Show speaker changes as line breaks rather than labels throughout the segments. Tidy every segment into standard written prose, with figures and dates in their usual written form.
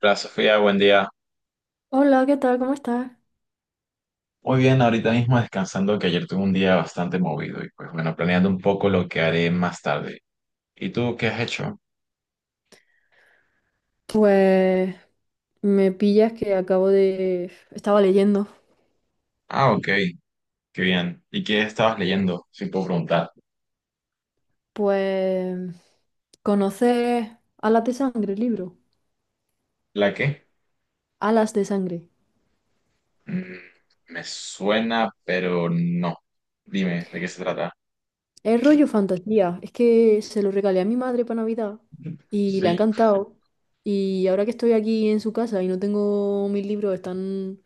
Hola Sofía, buen día.
Hola, ¿qué tal? ¿Cómo estás?
Muy bien, ahorita mismo descansando que ayer tuve un día bastante movido y pues bueno, planeando un poco lo que haré más tarde. ¿Y tú qué has hecho?
Pues me pillas que acabo de... Estaba leyendo.
Ah, ok, qué bien. ¿Y qué estabas leyendo? Si puedo preguntar.
Pues conoces Alas de Sangre, el libro.
¿La qué?
Alas de Sangre.
Mm, me suena, pero no. Dime, ¿de qué se trata?
Es rollo fantasía. Es que se lo regalé a mi madre para Navidad y le ha
Sí.
encantado. Y ahora que estoy aquí en su casa y no tengo mis libros, están...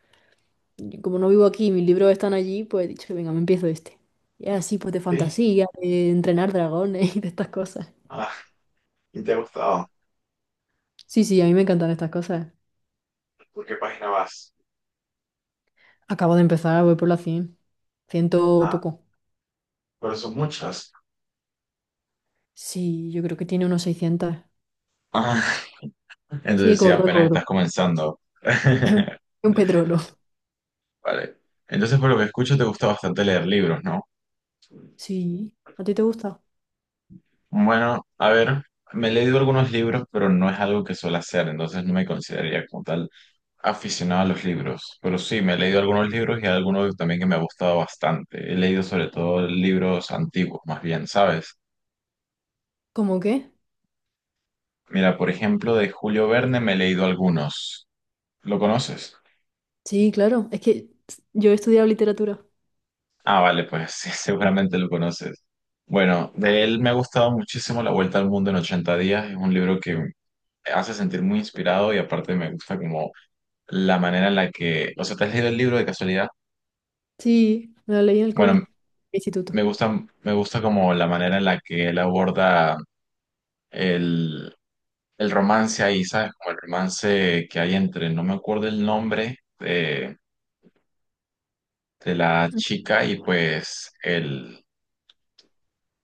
Como no vivo aquí, mis libros están allí, pues he dicho, venga, me empiezo este. Y es así, pues de
Sí.
fantasía, de entrenar dragones y de estas cosas.
Ah, ¿y te ha gustado?
Sí, sí, a mí me encantan estas cosas.
¿Por qué página vas?
Acabo de empezar, voy por las 100, ciento
Ah,
poco.
pero son muchas.
Sí, yo creo que tiene unos 600.
Ah,
Sí, es
entonces sí,
gordo, es
apenas
gordo.
estás comenzando.
Es un, es un petrolo.
Vale. Entonces, por lo que escucho, te gusta bastante leer libros, ¿no?
Sí, ¿a ti te gusta?
Bueno, a ver, me he leído algunos libros, pero no es algo que suelo hacer, entonces no me consideraría como tal aficionado a los libros. Pero sí, me he leído algunos libros y algunos también que me ha gustado bastante. He leído sobre todo libros antiguos, más bien, ¿sabes?
¿Cómo qué?
Mira, por ejemplo, de Julio Verne me he leído algunos. ¿Lo conoces?
Sí, claro. Es que yo he estudiado literatura.
Ah, vale, pues sí, seguramente lo conoces. Bueno, de él me ha gustado muchísimo La Vuelta al Mundo en 80 días. Es un libro que hace sentir muy inspirado y aparte me gusta como la manera en la que, o sea, ¿te has leído el libro de casualidad?
Sí, me la leí en el
Bueno,
cole,
me
instituto.
gusta, me gusta como la manera en la que él aborda el, el romance ahí, ¿sabes? Como el romance que hay entre, no me acuerdo el nombre de la chica y pues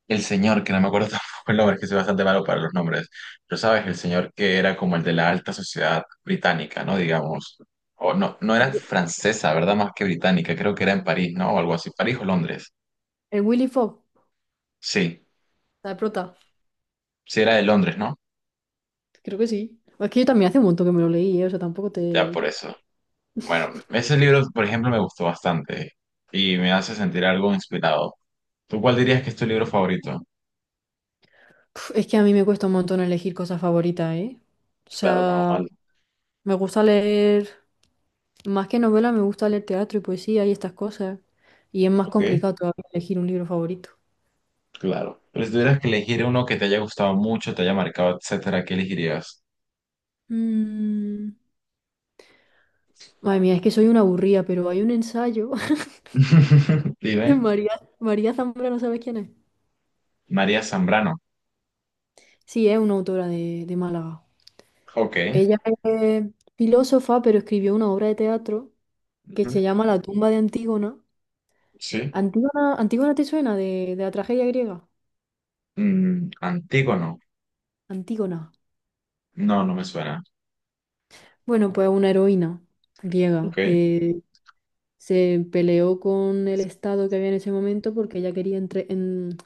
el señor, que no me acuerdo tampoco el nombre, es que soy bastante malo para los nombres, pero sabes, el señor que era como el de la alta sociedad británica, ¿no? Digamos, o no, no era francesa, ¿verdad? Más que británica, creo que era en París, ¿no? O algo así, París o Londres.
¿El Willy Fogg?
Sí,
¿La de prota?
sí era de Londres, ¿no?
Creo que sí. Es que yo también hace un montón que me lo leí, ¿eh? O sea, tampoco
Ya
te...
por eso. Bueno, ese libro, por ejemplo, me gustó bastante y me hace sentir algo inspirado. ¿Tú cuál dirías que es tu libro favorito?
Puf, es que a mí me cuesta un montón elegir cosas favoritas, ¿eh? O
Claro,
sea,
normal.
me gusta leer, más que novela, me gusta leer teatro y poesía y estas cosas. Y es más
Ok,
complicado todavía elegir un libro favorito.
claro. Pero si tuvieras que elegir uno que te haya gustado mucho, te haya marcado, etcétera, ¿qué elegirías?
Mm, Madre mía, es que soy una aburrida, pero hay un ensayo de
Dime,
María, María Zambrano, ¿sabes quién es?
María Zambrano.
Sí, es una autora de Málaga.
Ok.
Ella es filósofa, pero escribió una obra de teatro que se
Ujú.
llama La tumba de Antígona.
Sí.
¿Antígona, Antígona te suena de la tragedia griega?
Antígono.
Antígona.
No, no me suena.
Bueno, pues una heroína griega
Ok.
que se peleó con el Estado que había en ese momento porque ella quería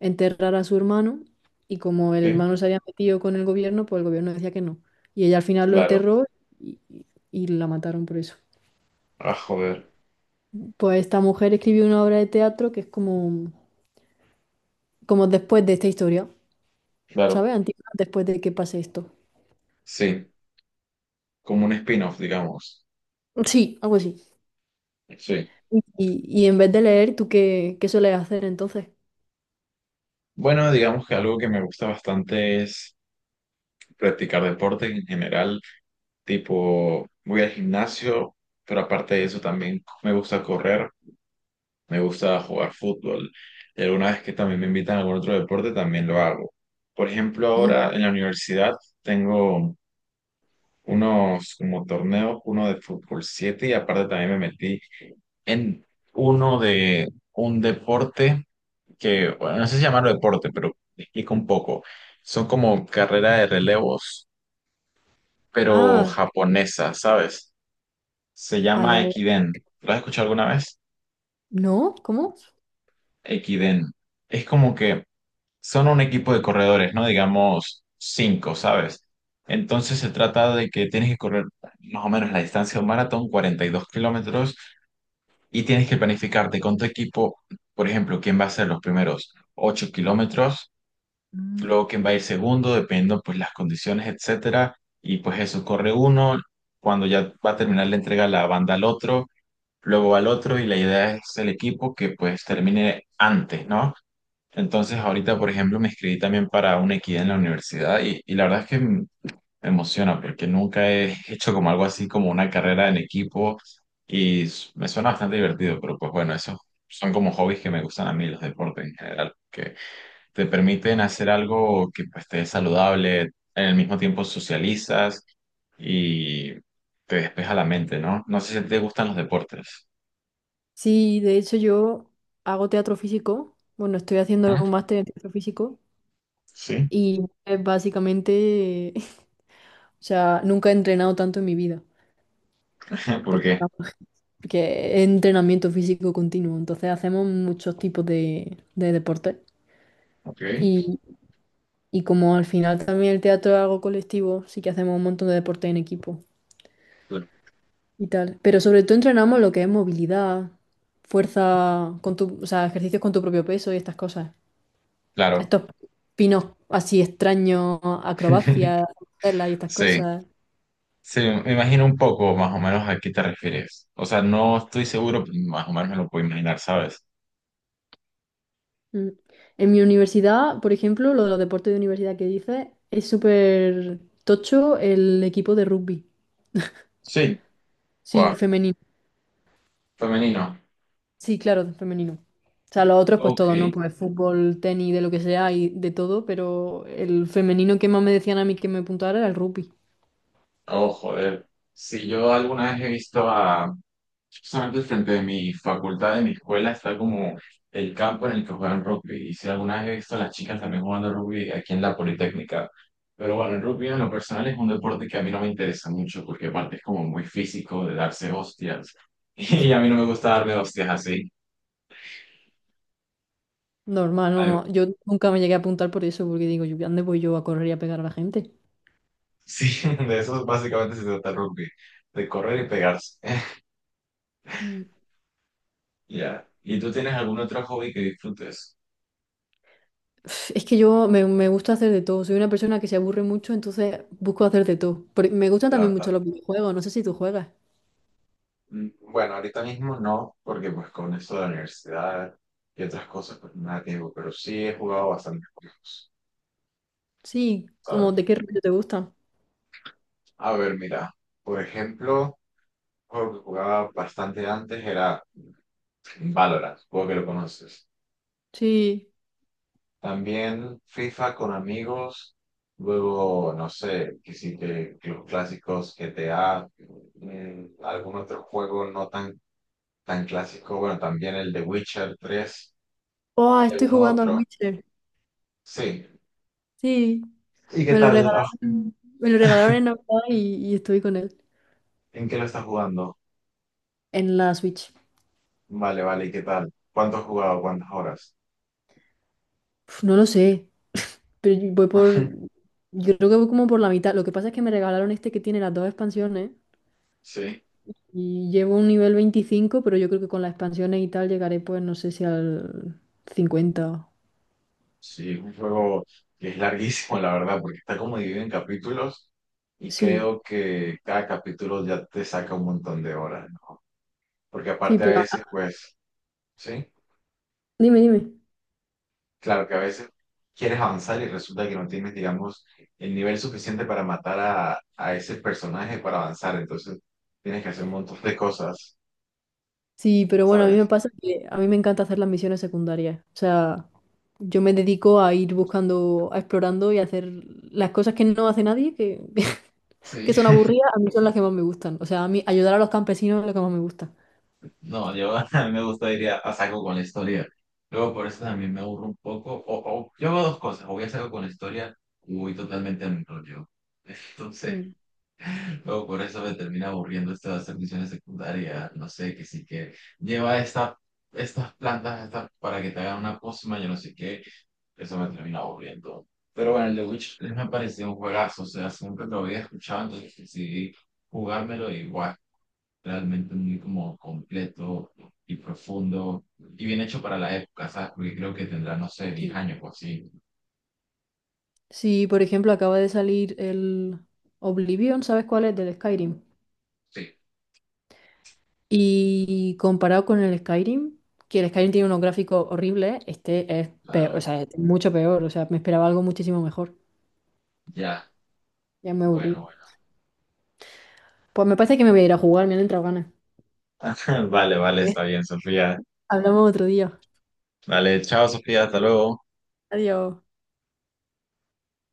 enterrar a su hermano y como el
Sí,
hermano se había metido con el gobierno, pues el gobierno decía que no. Y ella al final lo
claro.
enterró y la mataron por eso.
Ah, joder.
Pues esta mujer escribió una obra de teatro que es como, como después de esta historia,
Claro.
¿sabes? Antígona después de que pase esto.
Sí. Como un spin-off, digamos.
Sí, algo así.
Sí.
Y, y en vez de leer, ¿tú qué, qué sueles hacer entonces?
Bueno, digamos que algo que me gusta bastante es practicar deporte en general. Tipo, voy al gimnasio, pero aparte de eso también me gusta correr. Me gusta jugar fútbol. Y alguna vez que también me invitan a algún otro deporte, también lo hago. Por ejemplo, ahora en la universidad tengo unos como torneos, uno de fútbol 7 y aparte también me metí en uno de un deporte que, bueno, no sé si llamarlo deporte, pero te explico un poco. Son como carrera de relevos, pero
Ah,
japonesa, ¿sabes? Se llama
allá.
Ekiden. ¿Lo has escuchado alguna vez?
¿No? ¿Cómo?
Ekiden. Es como que son un equipo de corredores, ¿no? Digamos cinco, ¿sabes? Entonces se trata de que tienes que correr más o menos la distancia de un maratón, 42 kilómetros, y tienes que planificarte con tu equipo, por ejemplo, quién va a ser los primeros 8 kilómetros,
Mm.
luego quién va a ir segundo, dependiendo pues las condiciones, etcétera, y pues eso, corre uno, cuando ya va a terminar la entrega la banda al otro, luego al otro, y la idea es el equipo que pues termine antes, ¿no? Entonces, ahorita, por ejemplo, me inscribí también para una equidad en la universidad y la verdad es que me emociona porque nunca he hecho como algo así como una carrera en equipo y me suena bastante divertido, pero pues bueno, esos son como hobbies que me gustan a mí, los deportes en general, que te permiten hacer algo que pues te es saludable, en el mismo tiempo socializas y te despeja la mente, ¿no? No sé si te gustan los deportes.
Sí, de hecho yo hago teatro físico. Bueno, estoy haciendo
¿Mm?
un máster en teatro físico
Sí.
y es básicamente, o sea, nunca he entrenado tanto en mi vida
¿Por
porque,
qué?
estamos- porque es entrenamiento físico continuo. Entonces hacemos muchos tipos de deportes
Ok.
y, y como al final también el teatro es algo colectivo, sí que hacemos un montón de deportes en equipo, y tal. Pero sobre todo entrenamos lo que es movilidad, fuerza con tu, o sea, ejercicios con tu propio peso y estas cosas.
Claro.
Estos pinos así extraños, acrobacias, telas y estas
Sí.
cosas.
Sí, me imagino un poco más o menos a qué te refieres. O sea, no estoy seguro, pero más o menos me lo puedo imaginar, ¿sabes?
Mm. En mi universidad, por ejemplo, lo de los deportes de universidad que dices, es súper tocho el equipo de rugby.
Sí,
Sí,
guau,
femenino.
femenino.
Sí, claro, femenino. O sea, los otros pues
Ok.
todo, ¿no? Pues fútbol, tenis, de lo que sea y de todo, pero el femenino que más me decían a mí que me apuntara era el rugby.
Oh, joder. Si yo alguna vez he visto a… Justamente frente de mi facultad, de mi escuela, está como el campo en el que juegan rugby. Y si alguna vez he visto a las chicas también jugando rugby aquí en la Politécnica. Pero bueno, el rugby en lo personal es un deporte que a mí no me interesa mucho porque aparte es como muy físico de darse hostias. Y a mí no me gusta darme hostias así.
Normal, no, no. Yo nunca me llegué a apuntar por eso, porque digo, yo, ¿dónde voy yo a correr y a pegar a la gente?
Sí, de eso básicamente se trata el rugby, de correr y pegarse.
Mm.
Ya. ¿Y tú tienes algún otro hobby que disfrutes?
Uf, es que yo me gusta hacer de todo. Soy una persona que se aburre mucho, entonces busco hacer de todo. Pero me gustan
Ya,
también mucho los videojuegos, no sé si tú juegas.
bueno, ahorita mismo no, porque pues con esto de la universidad y otras cosas, pues nada tengo, pero sí he jugado bastantes juegos,
Sí, como
¿sabes?
de qué rollo te gustan.
A ver, mira, por ejemplo, un juego que jugaba bastante antes era Valorant, supongo que lo conoces.
Sí.
También FIFA con amigos, luego, no sé, que sí que los clásicos GTA, mm, algún otro juego no tan clásico, bueno, también el de Witcher 3
Oh,
y
estoy
algún
jugando al
otro,
Witcher.
sí.
Sí.
¿Y qué tal? Ah,
Me lo regalaron en Navidad y estoy con él.
¿en qué lo estás jugando?
En la Switch.
Vale, vale, ¿y qué tal? ¿Cuánto has jugado? ¿Cuántas horas?
Uf, no lo sé, pero yo voy por... Yo creo que voy como por la mitad. Lo que pasa es que me regalaron este que tiene las dos expansiones
Sí,
y llevo un nivel 25 pero yo creo que con las expansiones y tal llegaré pues no sé si al 50.
sí, es un juego que es larguísimo, la verdad, porque está como dividido en capítulos y
Sí,
creo que cada capítulo ya te saca un montón de horas. Porque
sí,
aparte a
pero...
veces,
ah,
pues, sí,
dime.
claro que a veces quieres avanzar y resulta que no tienes, digamos, el nivel suficiente para matar a ese personaje para avanzar. Entonces, tienes que hacer un montón de cosas,
Sí, pero bueno, a mí me
¿sabes?
pasa que a mí me encanta hacer las misiones secundarias. O sea, yo me dedico a ir buscando, a explorando y a hacer las cosas que no hace nadie, que
Sí.
que son aburridas, a mí son las que más me gustan. O sea, a mí ayudar a los campesinos es lo que más me gusta.
No, yo a mí me gusta ir a saco con la historia. Luego por eso también me aburro un poco. O yo hago dos cosas. O voy a saco con la historia o voy totalmente a mi rollo. Entonces,
Mm.
luego por eso me termina aburriendo esto de hacer misiones secundarias, no sé, que sí que lleva esta, estas plantas estas para que te hagan una pócima, yo no sé qué, eso me termina aburriendo. Pero bueno, el The Witch 3 me pareció un juegazo, o sea, siempre lo había escuchado, entonces decidí jugármelo igual, realmente muy como completo y profundo y bien hecho para la época, ¿sabes? Porque creo que tendrá, no sé, diez
Sí.
años o así.
Sí, por ejemplo, acaba de salir el Oblivion, ¿sabes cuál es? Del Skyrim.
Sí,
Y comparado con el Skyrim, que el Skyrim tiene unos gráficos horribles, este es peor, o
claro,
sea, es mucho peor. O sea, me esperaba algo muchísimo mejor.
ya,
Ya me aburrí.
bueno, bueno.
Pues me parece que me voy a ir a jugar, me han entrado ganas.
Vale, vale, está bien, Sofía.
Hablamos otro día.
Dale, chao Sofía, hasta luego.
Adiós.